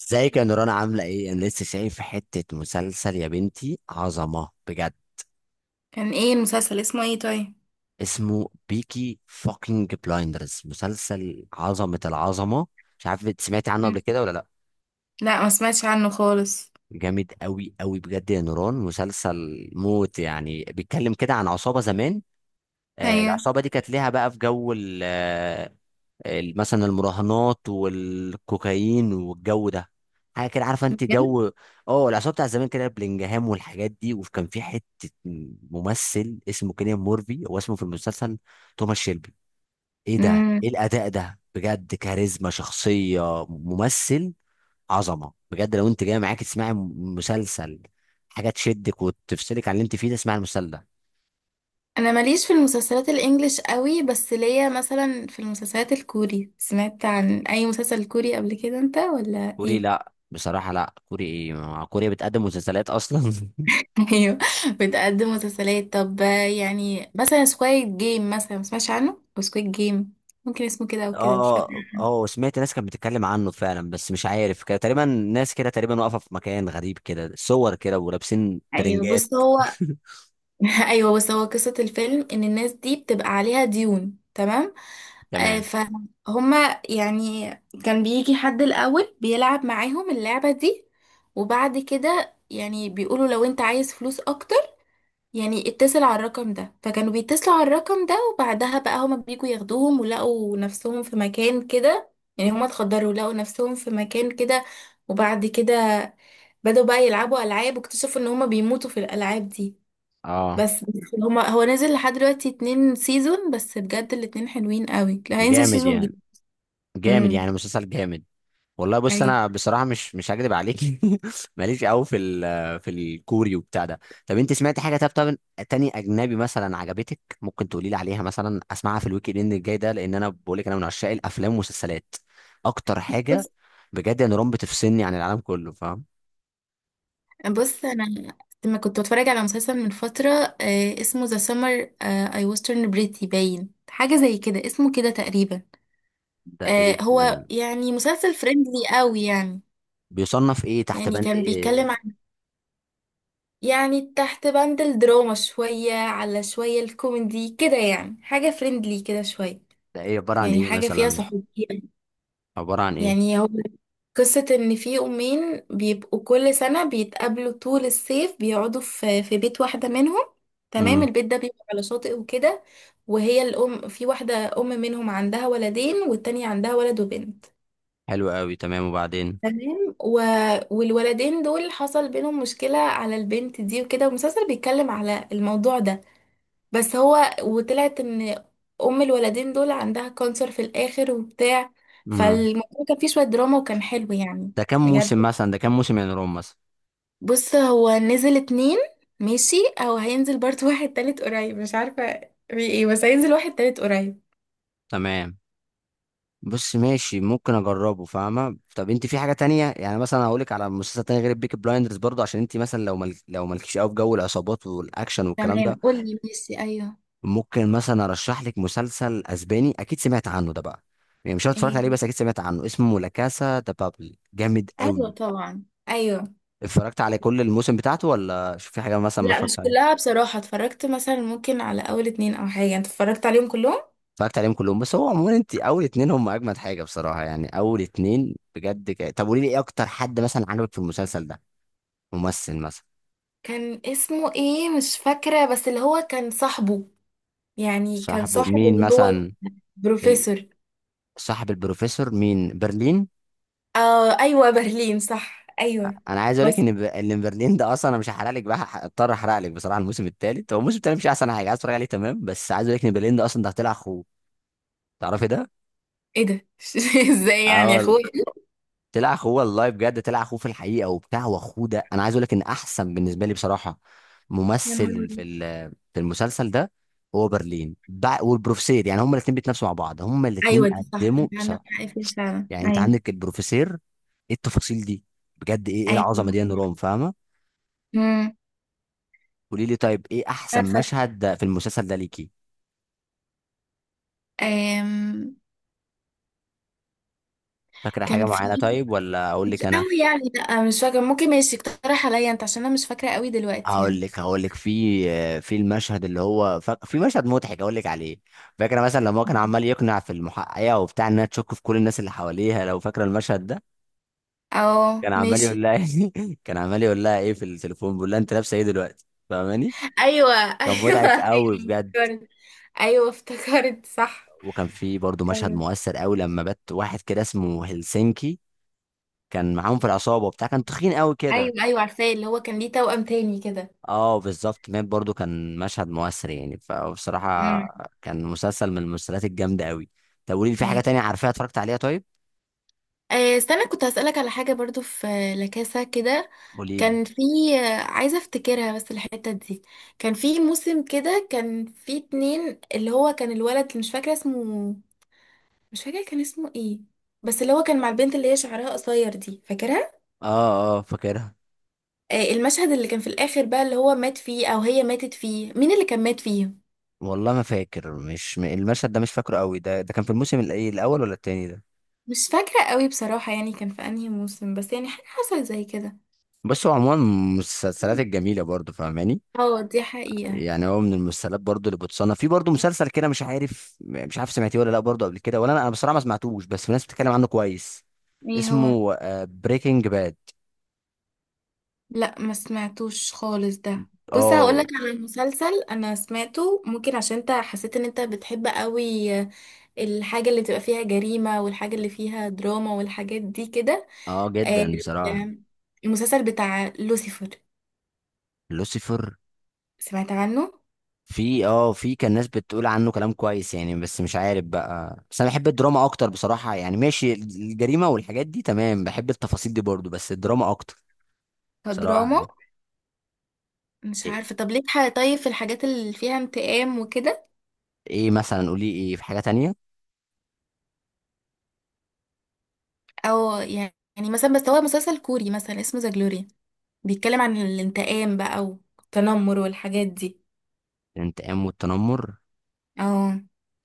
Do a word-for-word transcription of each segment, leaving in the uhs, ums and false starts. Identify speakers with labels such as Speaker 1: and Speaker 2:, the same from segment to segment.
Speaker 1: ازيك يا نوران، عاملة ايه؟ انا لسه شايف حتة مسلسل يا بنتي، عظمة بجد.
Speaker 2: كان ايه المسلسل اسمه ايه طيب؟
Speaker 1: اسمه بيكي فوكينج بلايندرز، مسلسل عظمة العظمة. مش عارف انت سمعتي عنه
Speaker 2: مم.
Speaker 1: قبل كده ولا لا.
Speaker 2: لا ما سمعتش عنه خالص.
Speaker 1: جامد قوي قوي بجد يا نوران، مسلسل موت يعني. بيتكلم كده عن عصابة زمان. آه،
Speaker 2: هي
Speaker 1: العصابة دي كانت ليها بقى في جو ال- مثلا المراهنات والكوكايين والجو ده، حاجه كده، عارفه انت؟ جو اه العصابه بتاع زمان كده، بلينجهام والحاجات دي. وكان في حته ممثل اسمه كيليان مورفي، هو اسمه في المسلسل توماس شيلبي. ايه ده!
Speaker 2: امم
Speaker 1: ايه الاداء ده بجد! كاريزما، شخصيه، ممثل عظمه بجد. لو انت جاي معاك تسمعي م- مسلسل، حاجه تشدك وتفصلك عن اللي انت فيه ده، اسمعي المسلسل ده.
Speaker 2: انا ماليش في المسلسلات الانجليش قوي، بس ليا مثلا في المسلسلات الكوري. سمعت عن اي مسلسل كوري قبل كده انت ولا
Speaker 1: كوري؟
Speaker 2: ايه؟
Speaker 1: لا بصراحه، لا كوري ايه. ما- كوريا بتقدم مسلسلات اصلا؟
Speaker 2: ايوه، بتقدم مسلسلات. طب يعني مثلا سكويد جيم، مثلا ما سمعتش عنه سكويد جيم؟ ممكن اسمه كده او كده، مش
Speaker 1: اه
Speaker 2: فاكره.
Speaker 1: اه اه، سمعت ناس كانت بتتكلم عنه فعلا. بس مش عارف، كده تقريبا ناس كده، تقريبا واقفه في مكان غريب كده، صور كده ولابسين
Speaker 2: ايوه
Speaker 1: ترنجات.
Speaker 2: بص هو ايوه، بس هو قصه الفيلم ان الناس دي بتبقى عليها ديون، تمام؟ آه،
Speaker 1: تمام.
Speaker 2: فهما يعني. كان بيجي حد الاول بيلعب معاهم اللعبه دي، وبعد كده يعني بيقولوا لو انت عايز فلوس اكتر يعني اتصل على الرقم ده. فكانوا بيتصلوا على الرقم ده، وبعدها بقى هما بيجوا ياخدوهم ولقوا نفسهم في مكان كده. يعني هما اتخدروا، لقوا نفسهم في مكان كده. وبعد كده بدأوا بقى يلعبوا ألعاب، واكتشفوا ان هما بيموتوا في الألعاب دي.
Speaker 1: اه
Speaker 2: بس بس هما هو نزل لحد دلوقتي اتنين سيزون بس، بجد الاتنين حلوين قوي. لا، هينزل
Speaker 1: جامد
Speaker 2: سيزون
Speaker 1: يعني.
Speaker 2: جديد.
Speaker 1: جامد
Speaker 2: امم.
Speaker 1: يعني، مسلسل جامد. والله بص،
Speaker 2: ايوه.
Speaker 1: انا بصراحه مش مش هكدب عليك. ماليش قوي في ال- في الكوري وبتاع ده. طب انت سمعت حاجه، طب طب تاني اجنبي مثلا عجبتك؟ ممكن تقولي لي عليها مثلا، اسمعها في الويك اند الجاي ده. لان انا بقول لك، انا من عشاق الافلام والمسلسلات اكتر حاجه.
Speaker 2: بص
Speaker 1: بجد يا نوران، بتفصلني عن العالم كله، فاهم؟
Speaker 2: بص انا لما كنت بتفرج على مسلسل من فترة، آه اسمه ذا سمر اي وسترن بريتي باين، حاجة زي كده اسمه كده تقريبا.
Speaker 1: ده
Speaker 2: آه
Speaker 1: ايه
Speaker 2: هو
Speaker 1: ده؟
Speaker 2: يعني مسلسل فريندلي قوي يعني.
Speaker 1: بيصنف ايه، تحت
Speaker 2: يعني
Speaker 1: بند
Speaker 2: كان
Speaker 1: ايه؟
Speaker 2: بيتكلم عن، يعني تحت بند الدراما شوية على شوية الكوميدي كده، يعني حاجة فريندلي كده شوية.
Speaker 1: ده ايه، عباره عن
Speaker 2: يعني
Speaker 1: ايه
Speaker 2: حاجة فيها
Speaker 1: مثلا؟
Speaker 2: صحوبية.
Speaker 1: عباره عن ايه؟
Speaker 2: يعني هو قصة إن في أمين بيبقوا كل سنة بيتقابلوا طول الصيف، بيقعدوا في في بيت واحدة منهم. تمام،
Speaker 1: امم،
Speaker 2: البيت ده بيبقى على شاطئ وكده. وهي الأم في واحدة أم منهم عندها ولدين، والتانية عندها ولد وبنت.
Speaker 1: حلو قوي، تمام وبعدين؟
Speaker 2: تمام و... والولدين دول حصل بينهم مشكلة على البنت دي وكده، والمسلسل بيتكلم على الموضوع ده. بس هو وطلعت ان ام الولدين دول عندها كانسر في الاخر وبتاع.
Speaker 1: امم،
Speaker 2: فالموضوع كان فيه شوية دراما، وكان حلو يعني.
Speaker 1: ده كام
Speaker 2: بجد.
Speaker 1: موسم مثلا؟ ده كام موسم يا نوران مثلا؟
Speaker 2: بص هو نزل اتنين، ماشي او هينزل برضه واحد تالت قريب، مش عارفة في ايه، بس هينزل واحد تالت قريب.
Speaker 1: تمام. بص ماشي، ممكن اجربه، فاهمه؟ طب انت في حاجه تانية؟ يعني مثلا هقول لك على مسلسل تاني غير البيكي بلايندرز برضه، عشان انت مثلا لو مل... لو مالكيش قوي في جو العصابات والاكشن والكلام
Speaker 2: تمام،
Speaker 1: ده.
Speaker 2: قولي، ماشي. ايوه.
Speaker 1: ممكن مثلا ارشح لك مسلسل اسباني، اكيد سمعت عنه ده بقى. يعني مش عارف اتفرجت
Speaker 2: ايه؟
Speaker 1: عليه، بس اكيد سمعت عنه، اسمه لا كاسا ده بابل، جامد قوي.
Speaker 2: ايوه طبعا، ايوه.
Speaker 1: اتفرجت على كل الموسم بتاعته ولا شوف في حاجه مثلا ما
Speaker 2: لا
Speaker 1: اتفرجت
Speaker 2: مش
Speaker 1: عليه؟
Speaker 2: كلها بصراحة، اتفرجت مثلا ممكن على اول اتنين او حاجة. انت اتفرجت عليهم كلهم؟
Speaker 1: اتفرجت عليهم كلهم. بس هو عموما، انت اول اتنين هم اجمد حاجه بصراحه. يعني اول اتنين بجد ك... طب قولي لي، ايه اكتر حد مثلا عجبك في المسلسل ده؟ ممثل مثلا؟
Speaker 2: كان اسمه ايه مش فاكرة، بس اللي هو كان صاحبه، يعني كان
Speaker 1: صاحبه
Speaker 2: صاحب
Speaker 1: مين
Speaker 2: اللي هو
Speaker 1: مثلا؟ ال-
Speaker 2: بروفيسور.
Speaker 1: صاحب البروفيسور مين؟ برلين؟
Speaker 2: آه ايوه برلين صح، ايوه.
Speaker 1: انا عايز اقول لك
Speaker 2: بس
Speaker 1: ان ب... ان برلين ده اصلا، انا مش هحرق لك بقى، اضطر احرق لك بصراحه. الموسم الثالث هو الموسم الثالث مش احسن حاجه عايز اتفرج عليه، تمام؟ بس عايز اقول لك ان برلين ده اصلا ده طلع اخوه، تعرفي ده؟
Speaker 2: ايه ده؟ ازاي يعني يا
Speaker 1: اه،
Speaker 2: اخويا؟
Speaker 1: طلع اخوه والله بجد، طلع اخوه في الحقيقه وبتاع. واخوه ده انا عايز اقول لك ان احسن بالنسبه لي بصراحه
Speaker 2: يا نهار
Speaker 1: ممثل في
Speaker 2: أبيض.
Speaker 1: ال- في المسلسل ده. هو برلين بع- والبروفيسير، يعني هما الاثنين بيتنافسوا مع بعض، هما الاثنين
Speaker 2: ايوه دي صح،
Speaker 1: قدموا
Speaker 2: انت عندك
Speaker 1: بصراحه.
Speaker 2: حق فيها فعلا،
Speaker 1: يعني انت
Speaker 2: ايوه.
Speaker 1: عندك البروفيسير، ايه التفاصيل دي بجد؟ ايه ايه
Speaker 2: ايوه.
Speaker 1: العظمه دي يا نوران، فاهمه؟
Speaker 2: امم.
Speaker 1: قولي لي طيب، ايه احسن
Speaker 2: عارفه.
Speaker 1: مشهد في المسلسل ده ليكي؟
Speaker 2: أم...
Speaker 1: فاكره حاجه
Speaker 2: كان
Speaker 1: معينه
Speaker 2: في،
Speaker 1: طيب ولا اقول
Speaker 2: مش
Speaker 1: لك انا؟
Speaker 2: قوي يعني، لا مش فاكره. ممكن ماشي اقترح عليا انت، عشان انا مش فاكره قوي دلوقتي
Speaker 1: هقول
Speaker 2: يعني.
Speaker 1: لك هقول لك في في المشهد اللي هو ف... في مشهد مضحك هقول لك عليه. فاكره مثلا لما هو كان عمال يقنع في المحققه وبتاع انها تشك في كل الناس اللي حواليها، لو فاكره المشهد ده؟
Speaker 2: اه
Speaker 1: كان عمال
Speaker 2: ماشي.
Speaker 1: يقول لها، كان عمال يقول لها ايه في التليفون، بيقول لها انت لابسه ايه دلوقتي، فاهماني؟
Speaker 2: ايوه.
Speaker 1: كان مضحك
Speaker 2: ايوه
Speaker 1: قوي
Speaker 2: ايوه
Speaker 1: بجد.
Speaker 2: افتكرت. ايوه افتكرت صح.
Speaker 1: وكان في برضه مشهد
Speaker 2: ايوه.
Speaker 1: مؤثر قوي لما بات واحد كده، اسمه هلسنكي، كان معاهم في العصابه وبتاع، كان تخين قوي كده.
Speaker 2: ايوه ايوه عارفاه، اللي هو كان ليه توأم تاني كده.
Speaker 1: اه بالظبط، مات برضو، كان مشهد مؤثر يعني. فبصراحة
Speaker 2: مم.
Speaker 1: كان مسلسل من المسلسلات الجامدة قوي. طب قولي لي، في حاجة
Speaker 2: ايوه.
Speaker 1: تانية عارفاها اتفرجت عليها طيب؟
Speaker 2: آه، استنى، كنت هسألك على حاجة برضو، في لكاسة كده.
Speaker 1: قولي لي.
Speaker 2: كان في، آه عايزة افتكرها بس الحتة دي. كان في موسم كده، كان في اتنين، اللي هو كان الولد مش فاكرة اسمه، مش فاكرة كان اسمه ايه، بس اللي هو كان مع البنت اللي هي شعرها قصير دي، فاكرها؟
Speaker 1: اه اه فاكرها.
Speaker 2: آه، المشهد اللي كان في الآخر بقى اللي هو مات فيه او هي ماتت فيه، مين اللي كان مات فيه؟
Speaker 1: والله ما فاكر، مش م- المشهد ده مش فاكره قوي. ده ده كان في الموسم الايه، الاول ولا التاني ده؟
Speaker 2: مش فاكرة قوي بصراحة يعني، كان في انهي موسم، بس يعني حاجة حصلت زي كده.
Speaker 1: بس هو عموما من المسلسلات الجميلة برضو، فاهماني؟
Speaker 2: اه دي حقيقة.
Speaker 1: يعني هو من المسلسلات برضو اللي بتصنف في، برضو مسلسل كده. مش عارف مش عارف سمعتيه ولا لا برضو قبل كده ولا؟ انا أنا بصراحة ما سمعتوش، بس في ناس بتتكلم عنه كويس.
Speaker 2: ايه هو؟
Speaker 1: اسمه بريكنج باد،
Speaker 2: لا ما سمعتوش خالص ده. بص
Speaker 1: اه
Speaker 2: هقولك
Speaker 1: Breaking Bad. آه.
Speaker 2: على مسلسل انا سمعته، ممكن عشان انت حسيت ان انت بتحب قوي الحاجة اللي بتبقى فيها جريمة، والحاجة اللي فيها دراما والحاجات دي كده.
Speaker 1: اه
Speaker 2: آه،
Speaker 1: جدا بصراحة.
Speaker 2: المسلسل بتاع لوسيفر،
Speaker 1: لوسيفر؟
Speaker 2: سمعت عنه؟
Speaker 1: في اه في كان ناس بتقول عنه كلام كويس يعني، بس مش عارف بقى. بس انا بحب الدراما اكتر بصراحة يعني. ماشي، الجريمة والحاجات دي تمام، بحب التفاصيل دي برضو، بس الدراما اكتر بصراحة
Speaker 2: كدراما.
Speaker 1: يعني.
Speaker 2: مش
Speaker 1: ايه؟
Speaker 2: عارفة، طب ليك حاجة طيب في الحاجات اللي فيها انتقام وكده؟
Speaker 1: إيه مثلا؟ قولي، ايه في حاجة تانية؟
Speaker 2: او يعني، يعني مثلا، بس هو مسلسل كوري مثلا اسمه ذا جلوري، بيتكلم عن الانتقام بقى والتنمر والحاجات دي.
Speaker 1: الانتقام والتنمر؟
Speaker 2: اه.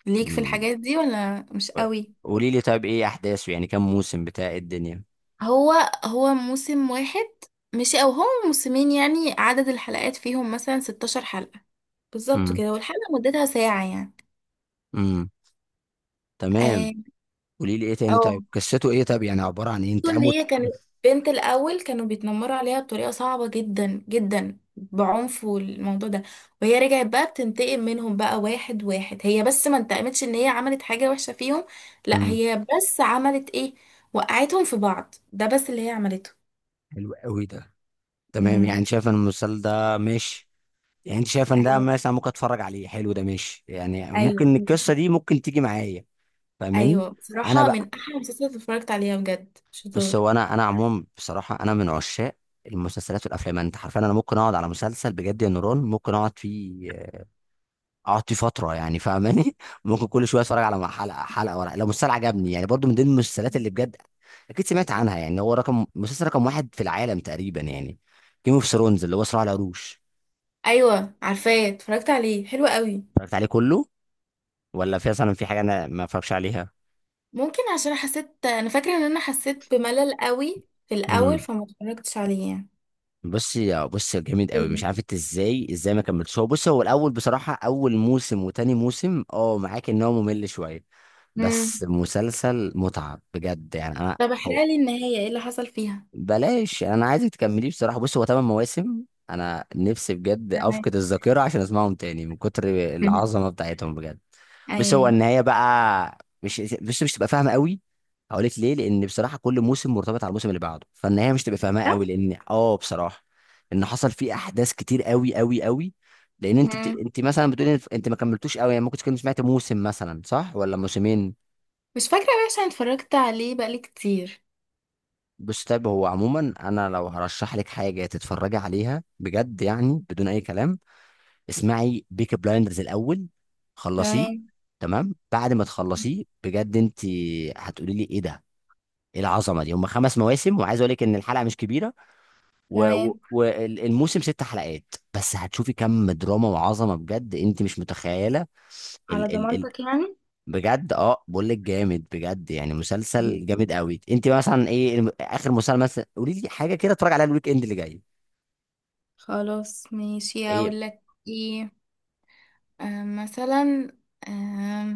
Speaker 2: ليك في
Speaker 1: مم.
Speaker 2: الحاجات دي ولا مش قوي؟
Speaker 1: قولي لي طيب، ايه احداثه؟ يعني كام موسم بتاع إيه الدنيا؟
Speaker 2: هو هو موسم واحد ماشي، او هم موسمين، يعني عدد الحلقات فيهم مثلا ستاشر حلقة بالظبط
Speaker 1: امم،
Speaker 2: كده، والحلقة مدتها ساعة يعني.
Speaker 1: امم، تمام.
Speaker 2: اه.
Speaker 1: قولي لي ايه تاني
Speaker 2: أو.
Speaker 1: طيب، قصته ايه طيب؟ يعني عبارة عن ايه؟
Speaker 2: ان
Speaker 1: انتقام
Speaker 2: هي
Speaker 1: وت-
Speaker 2: كانت بنت، الاول كانوا بيتنمروا عليها بطريقة صعبة جدا جدا بعنف والموضوع ده، وهي رجعت بقى بتنتقم منهم بقى واحد واحد. هي بس ما انتقمتش ان هي عملت حاجة وحشة فيهم، لا
Speaker 1: امم،
Speaker 2: هي بس عملت ايه، وقعتهم في بعض، ده بس اللي هي عملته.
Speaker 1: حلو قوي ده، تمام.
Speaker 2: امم.
Speaker 1: يعني شايف ان المسلسل ده ماشي، يعني انت شايف ان ده
Speaker 2: ايوه.
Speaker 1: مثلا ممكن اتفرج عليه، حلو ده ماشي يعني،
Speaker 2: ايوه.
Speaker 1: ممكن القصه دي ممكن تيجي معايا، فاهماني؟
Speaker 2: ايوه
Speaker 1: انا
Speaker 2: بصراحه
Speaker 1: بقى،
Speaker 2: من احلى المسلسلات اللي اتفرجت عليها، بجد
Speaker 1: بس
Speaker 2: شطار.
Speaker 1: هو انا انا عموما بصراحه، انا من عشاق المسلسلات والافلام. انت عارف، انا ممكن اقعد على مسلسل بجد يا نوران، ممكن اقعد فيه، اقعد فيه فتره يعني، فاهماني؟ ممكن كل شويه اتفرج على حلقه حلقه ورا لو مسلسل عجبني، يعني برضو من ضمن المسلسلات اللي بجد اكيد سمعت عنها يعني، هو رقم مسلسل رقم واحد في العالم تقريبا يعني، جيم اوف ثرونز اللي هو صراع العروش.
Speaker 2: ايوه عارفاه، اتفرجت عليه، حلو قوي.
Speaker 1: اتفرجت عليه كله ولا في مثلا في حاجه انا ما اتفرجش عليها؟
Speaker 2: ممكن عشان حسيت، انا فاكره ان انا حسيت بملل قوي في الاول
Speaker 1: امم.
Speaker 2: فما اتفرجتش عليه يعني.
Speaker 1: بصي بصي جامد قوي. مش
Speaker 2: كله.
Speaker 1: عارف انت ازاي ازاي ما كملتش. هو بصي، هو الاول بصراحه اول موسم وتاني موسم، اه معاك ان هو ممل شويه،
Speaker 2: امم.
Speaker 1: بس مسلسل متعه بجد يعني انا.
Speaker 2: طب احرق
Speaker 1: هو
Speaker 2: لي النهايه، ايه اللي حصل فيها؟
Speaker 1: بلاش، انا عايزك تكمليه بصراحه. بص هو ثمان مواسم، انا نفسي بجد
Speaker 2: تمام.
Speaker 1: افقد الذاكره عشان اسمعهم تاني من كتر العظمه بتاعتهم بجد. بس هو
Speaker 2: ايوه.
Speaker 1: النهايه بقى مش بس مش تبقى فاهمه قوي. هقول لك ليه، لان بصراحه كل موسم مرتبط على الموسم اللي بعده، فالنهايه مش تبقى فاهمها
Speaker 2: ده؟
Speaker 1: قوي، لان اه بصراحه ان حصل فيه احداث كتير قوي قوي قوي. لان انت بت...
Speaker 2: امم
Speaker 1: انت مثلا بتقولي انت ما كملتوش قوي يعني، ممكن تكون سمعت موسم مثلا صح ولا موسمين.
Speaker 2: مش فاكره بقى عشان اتفرجت عليه بقالي كتير.
Speaker 1: بص طيب، هو عموما انا لو هرشح لك حاجه تتفرجي عليها بجد يعني بدون اي كلام، اسمعي بيك بلايندرز الاول، خلصيه.
Speaker 2: تمام.
Speaker 1: تمام، بعد ما تخلصيه بجد انت هتقولي لي ايه ده، ايه العظمه دي! هم خمس مواسم، وعايز اقول لك ان الحلقه مش كبيره
Speaker 2: تمام،
Speaker 1: والموسم ست حلقات، بس هتشوفي كم دراما وعظمه بجد انت مش متخيله.
Speaker 2: على ضمانتك يعني.
Speaker 1: بجد اه، بقول لك جامد بجد يعني مسلسل جامد قوي. انت مثلا ايه الم- اخر مسلسل مثلا؟ قولي لي حاجه كده اتفرج عليها الويك اند اللي جاي.
Speaker 2: خلاص ماشي،
Speaker 1: ايه؟
Speaker 2: اقول لك. ايه. آه، مثلا، آه،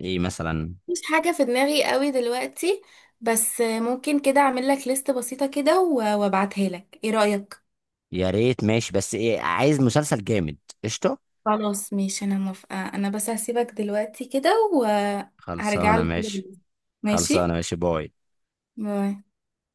Speaker 1: ايه مثلا؟
Speaker 2: مش حاجة في دماغي قوي دلوقتي. بس آه، ممكن كده اعمل لك ليست بسيطة كده و- وابعتها لك، ايه رأيك؟
Speaker 1: يا ريت ماشي، بس ايه، عايز مسلسل جامد. قشطه.
Speaker 2: خلاص ماشي، انا موافقة. انا بس هسيبك دلوقتي كده، وهرجع
Speaker 1: خلصانه
Speaker 2: لك كده
Speaker 1: ماشي.
Speaker 2: بالليل. ماشي.
Speaker 1: خلصانه ماشي، باي.
Speaker 2: باي.